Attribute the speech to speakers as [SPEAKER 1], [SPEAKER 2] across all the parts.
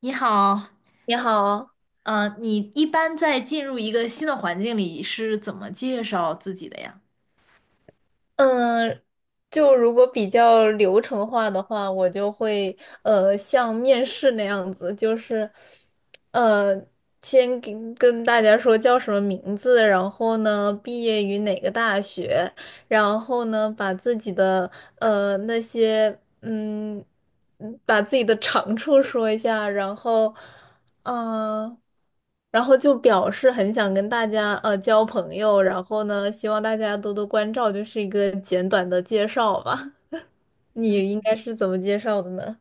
[SPEAKER 1] 你好，
[SPEAKER 2] 你好。
[SPEAKER 1] 你一般在进入一个新的环境里是怎么介绍自己的呀？
[SPEAKER 2] 嗯，就如果比较流程化的话，我就会像面试那样子，就是呃先跟大家说叫什么名字，然后呢毕业于哪个大学，然后呢把自己的那些把自己的长处说一下，然后。嗯，然后就表示很想跟大家交朋友，然后呢，希望大家多多关照，就是一个简短的介绍吧。你应该是怎么介绍的呢？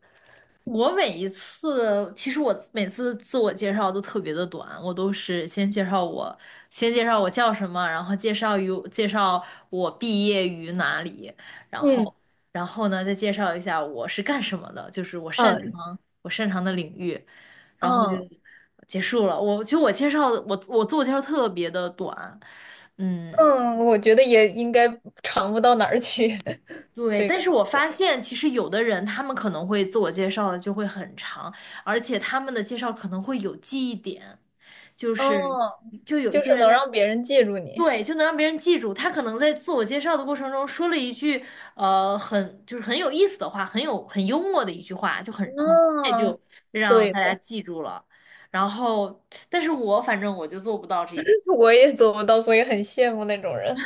[SPEAKER 1] 我每一次，其实我每次自我介绍都特别的短，我都是先介绍我叫什么，然后介绍我毕业于哪里，然
[SPEAKER 2] 嗯
[SPEAKER 1] 后然后呢再介绍一下我是干什么的，就是我擅
[SPEAKER 2] 嗯
[SPEAKER 1] 长我擅长的领域，然后就
[SPEAKER 2] 嗯
[SPEAKER 1] 结束了。我自我介绍特别的短，嗯。
[SPEAKER 2] 嗯，我觉得也应该长不到哪儿去。
[SPEAKER 1] 对，
[SPEAKER 2] 这
[SPEAKER 1] 但是
[SPEAKER 2] 个
[SPEAKER 1] 我发现其实有的人他们可能会自我介绍的就会很长，而且他们的介绍可能会有记忆点，就是
[SPEAKER 2] 哦，
[SPEAKER 1] 就有一
[SPEAKER 2] 就是
[SPEAKER 1] 些人
[SPEAKER 2] 能
[SPEAKER 1] 在，
[SPEAKER 2] 让别人记住你。
[SPEAKER 1] 对，就能让别人记住，他可能在自我介绍的过程中说了一句很就是很有意思的话，很有很幽默的一句话，就很快
[SPEAKER 2] 嗯，
[SPEAKER 1] 就让
[SPEAKER 2] 对。
[SPEAKER 1] 大家记住了。然后，但是反正我就做不到这一点，
[SPEAKER 2] 我也做不到，所以很羡慕那种人。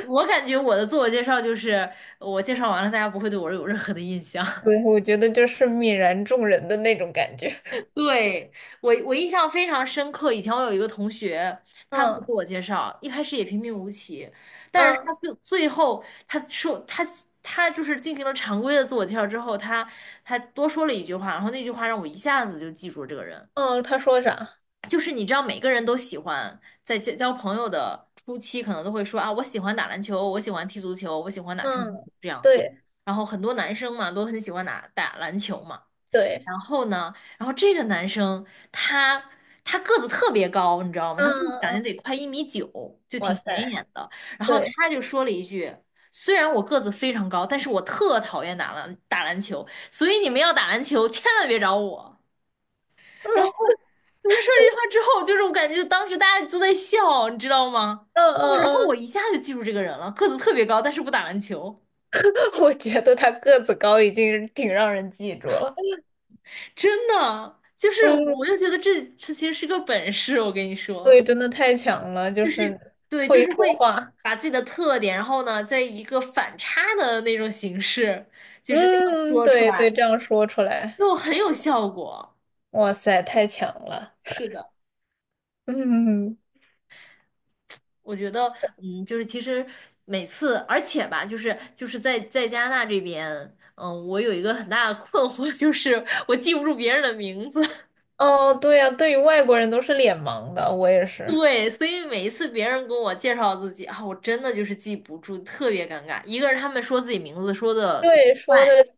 [SPEAKER 1] 我感觉我的自我介绍就是我介绍完了，大家不会对我有任何的印象。
[SPEAKER 2] 对，我觉得就是泯然众人的那种感觉。
[SPEAKER 1] 对，我印象非常深刻。以前我有一个同学，他做自
[SPEAKER 2] 嗯
[SPEAKER 1] 我介绍，一开始也平平无奇，但是
[SPEAKER 2] 嗯
[SPEAKER 1] 他最后他说他就是进行了常规的自我介绍之后，他多说了一句话，然后那句话让我一下子就记住了这个人。
[SPEAKER 2] 嗯，他说啥？
[SPEAKER 1] 就是你知道，每个人都喜欢在交朋友的初期，可能都会说啊，我喜欢打篮球，我喜欢踢足球，我喜欢打乒乓球
[SPEAKER 2] 嗯，
[SPEAKER 1] 这样子。
[SPEAKER 2] 对
[SPEAKER 1] 然后很多男生嘛，都很喜欢打篮球嘛。
[SPEAKER 2] 对，
[SPEAKER 1] 然后呢，然后这个男生他他个子特别高，你知道吗？他
[SPEAKER 2] 嗯
[SPEAKER 1] 个子
[SPEAKER 2] 嗯
[SPEAKER 1] 感觉
[SPEAKER 2] 嗯，
[SPEAKER 1] 得快1米9，就
[SPEAKER 2] 哇
[SPEAKER 1] 挺显
[SPEAKER 2] 塞，
[SPEAKER 1] 眼的。然后
[SPEAKER 2] 对，
[SPEAKER 1] 他就说了一句：“虽然我个子非常高，但是我特讨厌打篮球，所以你们要打篮球千万别找我。”然
[SPEAKER 2] 嗯
[SPEAKER 1] 后他说这句话之后，就是我感觉当时大家都在笑，你知道吗？
[SPEAKER 2] 嗯
[SPEAKER 1] 哦，然后
[SPEAKER 2] 嗯嗯。
[SPEAKER 1] 我一下就记住这个人了，个子特别高，但是不打篮球，
[SPEAKER 2] 我觉得他个子高已经挺让人记住了。
[SPEAKER 1] 真的，就是
[SPEAKER 2] 嗯，
[SPEAKER 1] 我就觉得这其实是个本事，我跟你说。
[SPEAKER 2] 对，真的太强了，就
[SPEAKER 1] 就是
[SPEAKER 2] 是
[SPEAKER 1] 对，就
[SPEAKER 2] 会
[SPEAKER 1] 是
[SPEAKER 2] 说
[SPEAKER 1] 会
[SPEAKER 2] 话。
[SPEAKER 1] 把自己的特点，然后呢，在一个反差的那种形式，就是那样
[SPEAKER 2] 嗯，
[SPEAKER 1] 说出
[SPEAKER 2] 对对，
[SPEAKER 1] 来，
[SPEAKER 2] 这样说出来，
[SPEAKER 1] 就很有效果。
[SPEAKER 2] 哇塞，太强了。
[SPEAKER 1] 是的，
[SPEAKER 2] 嗯，
[SPEAKER 1] 我觉得，嗯，就是其实每次，而且吧，就是在加拿大这边，嗯，我有一个很大的困惑，就是我记不住别人的名字。
[SPEAKER 2] 哦，对呀，对于外国人都是脸盲的，我也是。
[SPEAKER 1] 对，所以每一次别人跟我介绍自己啊，我真的就是记不住，特别尴尬。一个是他们说自己名字说的比较
[SPEAKER 2] 对，说
[SPEAKER 1] 快。
[SPEAKER 2] 的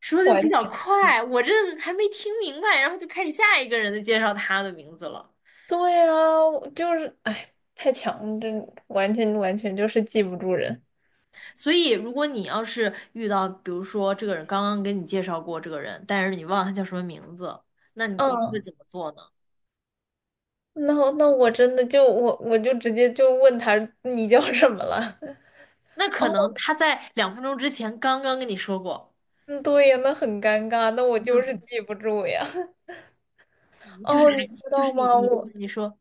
[SPEAKER 1] 说的
[SPEAKER 2] 完
[SPEAKER 1] 比较
[SPEAKER 2] 全
[SPEAKER 1] 快，我这还没听明白，然后就开始下一个人的介绍他的名字了。
[SPEAKER 2] 对啊，我就是，哎，太强真完全完全就是记不住人。
[SPEAKER 1] 所以，如果你要是遇到，比如说这个人刚刚给你介绍过这个人，但是你忘了他叫什么名字，那你会怎
[SPEAKER 2] 嗯，
[SPEAKER 1] 么做呢？
[SPEAKER 2] 那我真的就我就直接就问他你叫什么了？
[SPEAKER 1] 那 可
[SPEAKER 2] 哦，
[SPEAKER 1] 能他在2分钟之前刚刚跟你说过，
[SPEAKER 2] 嗯对呀，那很尴尬，那我就是
[SPEAKER 1] 就
[SPEAKER 2] 记不住呀。
[SPEAKER 1] 就是
[SPEAKER 2] 哦，你
[SPEAKER 1] 还
[SPEAKER 2] 知
[SPEAKER 1] 就是
[SPEAKER 2] 道
[SPEAKER 1] 你
[SPEAKER 2] 吗？
[SPEAKER 1] 你
[SPEAKER 2] 我
[SPEAKER 1] 你说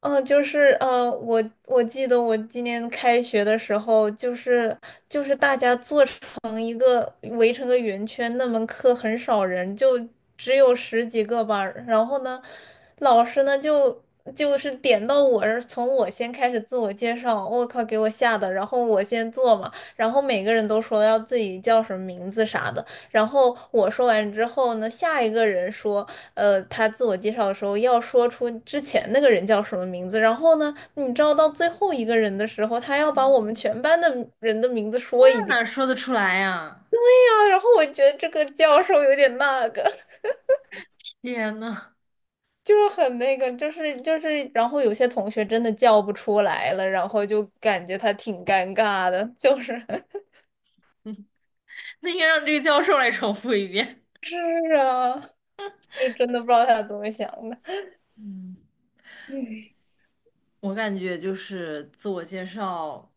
[SPEAKER 2] 嗯，就是我记得我今年开学的时候，就是大家做成一个围成个圆圈，那门课很少人，就只有十几个班。然后呢，老师呢就是点到我，从我先开始自我介绍，我靠，给我吓的。然后我先做嘛，然后每个人都说要自己叫什么名字啥的。然后我说完之后呢，下一个人说，他自我介绍的时候要说出之前那个人叫什么名字。然后呢，你知道到最后一个人的时候，他要把我们全班的人的名字说一
[SPEAKER 1] 那
[SPEAKER 2] 遍。
[SPEAKER 1] 哪 说得出来呀、
[SPEAKER 2] 对呀，然后我觉得这个教授有点那个。
[SPEAKER 1] 天呐，
[SPEAKER 2] 就是很那个，就是，然后有些同学真的叫不出来了，然后就感觉他挺尴尬的，就是
[SPEAKER 1] 那应该让这个教授来重复一遍。
[SPEAKER 2] 是啊，就真的不知道他怎么想的。
[SPEAKER 1] 嗯。
[SPEAKER 2] 嗯，
[SPEAKER 1] 我感觉就是自我介绍，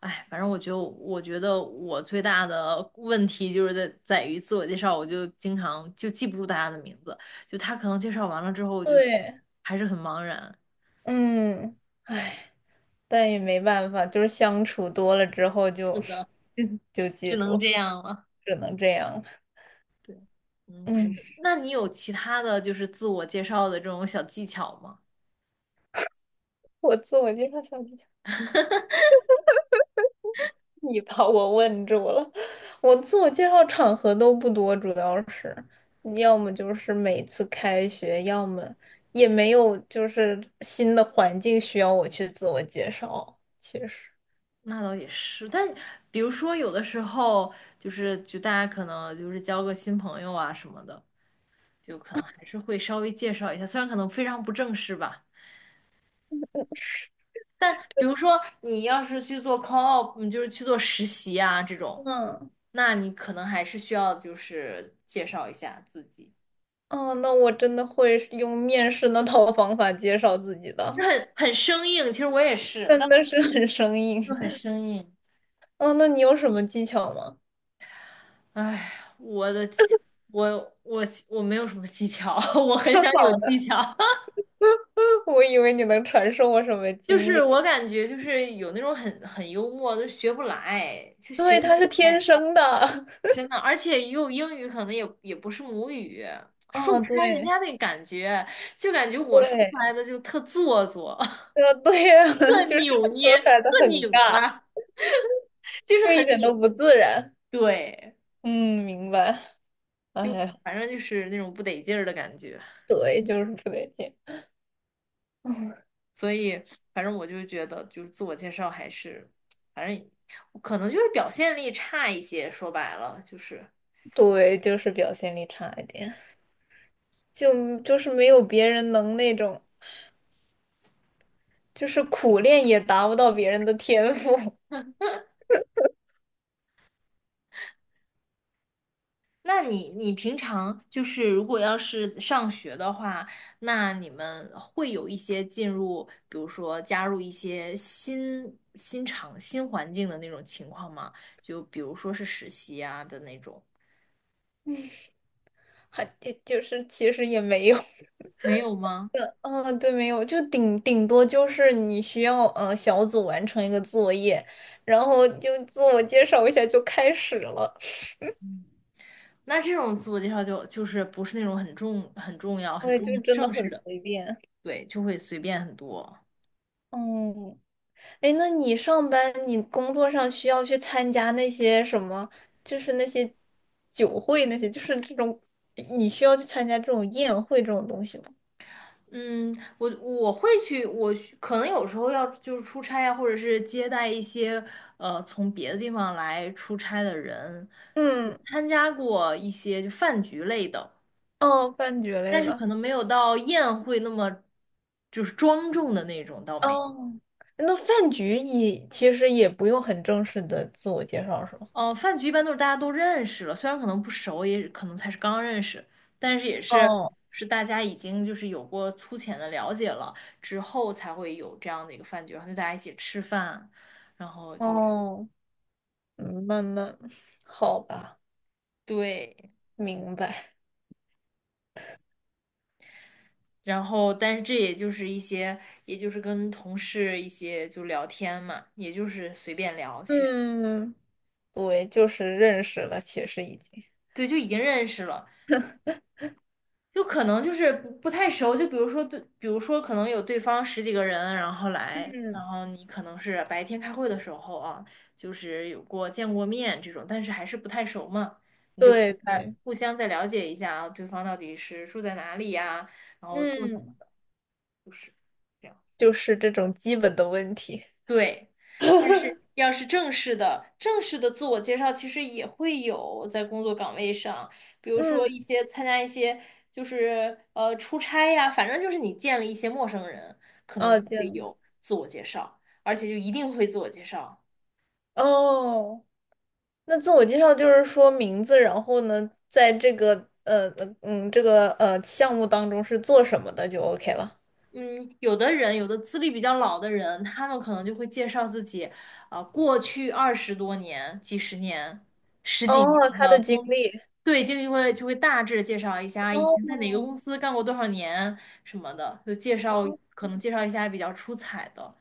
[SPEAKER 1] 哎，反正我觉得，我最大的问题就是在于自我介绍，我就经常就记不住大家的名字，就他可能介绍完了之后，就是
[SPEAKER 2] 对，
[SPEAKER 1] 还是很茫然。
[SPEAKER 2] 嗯，唉。但也没办法，就是相处多了之后就
[SPEAKER 1] 是的，
[SPEAKER 2] 就
[SPEAKER 1] 只
[SPEAKER 2] 记
[SPEAKER 1] 能
[SPEAKER 2] 住，
[SPEAKER 1] 这样了。
[SPEAKER 2] 只能这样。
[SPEAKER 1] 对，嗯，
[SPEAKER 2] 嗯，
[SPEAKER 1] 那你有其他的就是自我介绍的这种小技巧吗？
[SPEAKER 2] 我自我介绍小技巧，你把我问住了。我自我介绍场合都不多，主要是要么就是每次开学，要么也没有就是新的环境需要我去自我介绍。其实，
[SPEAKER 1] 那倒也是，但比如说有的时候就是就大家可能就是交个新朋友啊什么的。就可能还是会稍微介绍一下，虽然可能非常不正式吧。但比如说你要是去做 call out，嗯就是去做实习啊这种，
[SPEAKER 2] 嗯，
[SPEAKER 1] 那你可能还是需要就是介绍一下自己，
[SPEAKER 2] 哦，那我真的会用面试那套方法介绍自己
[SPEAKER 1] 就
[SPEAKER 2] 的，
[SPEAKER 1] 很生硬。其实我也是，但
[SPEAKER 2] 真的是很生硬。
[SPEAKER 1] 我就很生硬。
[SPEAKER 2] 哦，那你有什么技巧吗？
[SPEAKER 1] 哎，我的，我我我没有什么技巧，我 很
[SPEAKER 2] 跳
[SPEAKER 1] 想有
[SPEAKER 2] 好的。
[SPEAKER 1] 技巧。
[SPEAKER 2] 我以为你能传授我什么
[SPEAKER 1] 就
[SPEAKER 2] 经
[SPEAKER 1] 是
[SPEAKER 2] 验。
[SPEAKER 1] 我感觉就是有那种很幽默，就学不来，就学
[SPEAKER 2] 对，
[SPEAKER 1] 不
[SPEAKER 2] 他是天
[SPEAKER 1] 来。
[SPEAKER 2] 生的。
[SPEAKER 1] 真的，而且用英语可能也不是母语，说不
[SPEAKER 2] 哦，
[SPEAKER 1] 出来人
[SPEAKER 2] 对
[SPEAKER 1] 家那感觉，就感觉我说
[SPEAKER 2] 对，
[SPEAKER 1] 出来的就特做作，
[SPEAKER 2] 对呀。
[SPEAKER 1] 特
[SPEAKER 2] 就是
[SPEAKER 1] 扭
[SPEAKER 2] 说
[SPEAKER 1] 捏，
[SPEAKER 2] 出来的
[SPEAKER 1] 特
[SPEAKER 2] 很
[SPEAKER 1] 拧
[SPEAKER 2] 尬，
[SPEAKER 1] 巴，就是
[SPEAKER 2] 就一
[SPEAKER 1] 很
[SPEAKER 2] 点都
[SPEAKER 1] 拧。
[SPEAKER 2] 不自然。
[SPEAKER 1] 对，
[SPEAKER 2] 嗯，明白。哎
[SPEAKER 1] 就
[SPEAKER 2] 呀，
[SPEAKER 1] 反正就是那种不得劲儿的感觉。
[SPEAKER 2] 对，就是不得劲。嗯，
[SPEAKER 1] 所以，反正我就觉得，就是自我介绍还是，反正可能就是表现力差一些。说白了，就是
[SPEAKER 2] 对，就是表现力差一点，就是没有别人能那种，就是苦练也达不到别人的天赋。
[SPEAKER 1] 那你平常就是如果要是上学的话，那你们会有一些进入，比如说加入一些新环境的那种情况吗？就比如说是实习啊的那种，
[SPEAKER 2] 还就是其实也没有。
[SPEAKER 1] 没有吗？
[SPEAKER 2] 嗯，对，没有，就顶多就是你需要小组完成一个作业，然后就自我介绍一下就开始了，
[SPEAKER 1] 那这种自我介绍就是不是那种很重很重要很
[SPEAKER 2] 所以
[SPEAKER 1] 重
[SPEAKER 2] 就真的
[SPEAKER 1] 正式
[SPEAKER 2] 很
[SPEAKER 1] 的，
[SPEAKER 2] 随便。
[SPEAKER 1] 对，就会随便很多。
[SPEAKER 2] 嗯，哎，那你上班，你工作上需要去参加那些什么，就是那些酒会那些，就是这种，你需要去参加这种宴会这种东西吗？
[SPEAKER 1] 嗯，我会去，我去可能有时候要就是出差啊，或者是接待一些从别的地方来出差的人，可
[SPEAKER 2] 嗯，
[SPEAKER 1] 参加过一些就饭局类的，
[SPEAKER 2] 哦，饭局类
[SPEAKER 1] 但是可
[SPEAKER 2] 的。
[SPEAKER 1] 能没有到宴会那么就是庄重的那种，倒没。
[SPEAKER 2] 哦，那饭局也其实也不用很正式的自我介绍，是吗？
[SPEAKER 1] 哦，饭局一般都是大家都认识了，虽然可能不熟，也可能才是刚认识，但是也是
[SPEAKER 2] 哦
[SPEAKER 1] 是大家已经就是有过粗浅的了解了之后，才会有这样的一个饭局，然后就大家一起吃饭，然后就是
[SPEAKER 2] 哦，嗯慢慢，好吧，
[SPEAKER 1] 对，
[SPEAKER 2] 明白。
[SPEAKER 1] 然后但是这也就是一些，也就是跟同事一些就聊天嘛，也就是随便聊，其实
[SPEAKER 2] 嗯，对，就是认识了，其实已经。
[SPEAKER 1] 对，就已经认识了，就可能就是不太熟，就比如说对，比如说可能有对方十几个人，然后来，
[SPEAKER 2] 嗯，
[SPEAKER 1] 然后你可能是白天开会的时候啊，就是有过见过面这种，但是还是不太熟嘛，你就
[SPEAKER 2] 对
[SPEAKER 1] 在
[SPEAKER 2] 对，
[SPEAKER 1] 互相再了解一下啊，对方到底是住在哪里呀，然后做什
[SPEAKER 2] 嗯，
[SPEAKER 1] 么，就是。这样。
[SPEAKER 2] 就是这种基本的问题。
[SPEAKER 1] 对，但是要是正式的自我介绍，其实也会有在工作岗位上，比如说
[SPEAKER 2] 嗯，
[SPEAKER 1] 一些参加一些就是出差呀，反正就是你见了一些陌生人，可能
[SPEAKER 2] 哦，
[SPEAKER 1] 就
[SPEAKER 2] 这样
[SPEAKER 1] 会
[SPEAKER 2] 的
[SPEAKER 1] 有自我介绍，而且就一定会自我介绍。
[SPEAKER 2] 哦，那自我介绍就是说名字，然后呢，在这个项目当中是做什么的就 OK 了。
[SPEAKER 1] 嗯，有的人，有的资历比较老的人，他们可能就会介绍自己，啊，过去二十多年、几十年、十几
[SPEAKER 2] 哦，
[SPEAKER 1] 年
[SPEAKER 2] 他
[SPEAKER 1] 的
[SPEAKER 2] 的经历。
[SPEAKER 1] 对，经理就会大致介绍一下以前在哪个公
[SPEAKER 2] 哦
[SPEAKER 1] 司干过多少年什么的，就介绍
[SPEAKER 2] 哦
[SPEAKER 1] 可能介绍一下比较出彩的，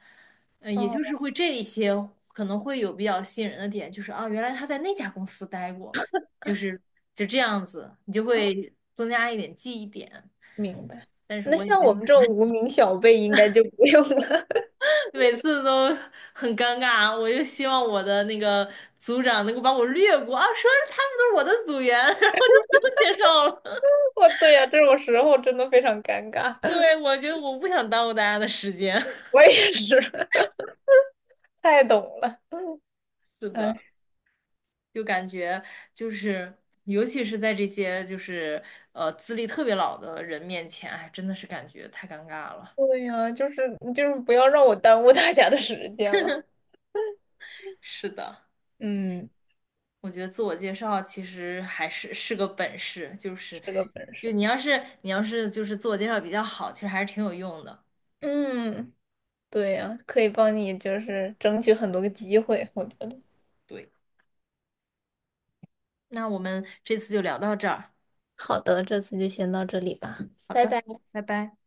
[SPEAKER 1] 呃，也就是
[SPEAKER 2] 哦。
[SPEAKER 1] 会这一些可能会有比较吸引人的点，就是啊，原来他在那家公司待过，就是就这样子，你就会增加一点记忆点。
[SPEAKER 2] 明白。
[SPEAKER 1] 但是
[SPEAKER 2] 那
[SPEAKER 1] 我也
[SPEAKER 2] 像
[SPEAKER 1] 没
[SPEAKER 2] 我
[SPEAKER 1] 有，
[SPEAKER 2] 们这种无名小辈，应该就不用了。
[SPEAKER 1] 每次都很尴尬，我就希望我的那个组长能够把我略过啊，说他们都是我的组员，然后就不用介绍了。
[SPEAKER 2] 我对呀，这种时候真的非常尴尬。
[SPEAKER 1] 对，我觉得我不想耽误大家的时间。
[SPEAKER 2] 我也是。太懂了。
[SPEAKER 1] 是的，
[SPEAKER 2] 哎，
[SPEAKER 1] 就感觉就是，尤其是在这些就是资历特别老的人面前，哎，真的是感觉太尴尬了。
[SPEAKER 2] 对呀，就是不要让我耽误大家的时间了。
[SPEAKER 1] 是的，
[SPEAKER 2] 嗯，
[SPEAKER 1] 我觉得自我介绍其实还是是个本事，就是
[SPEAKER 2] 是个本
[SPEAKER 1] 就
[SPEAKER 2] 事。
[SPEAKER 1] 你要是就是自我介绍比较好，其实还是挺有用的。
[SPEAKER 2] 嗯，对呀，可以帮你就是争取很多个机会，我觉得。
[SPEAKER 1] 对，那我们这次就聊到这儿。
[SPEAKER 2] 好的，这次就先到这里吧，
[SPEAKER 1] 好
[SPEAKER 2] 拜
[SPEAKER 1] 的，
[SPEAKER 2] 拜。
[SPEAKER 1] 拜拜。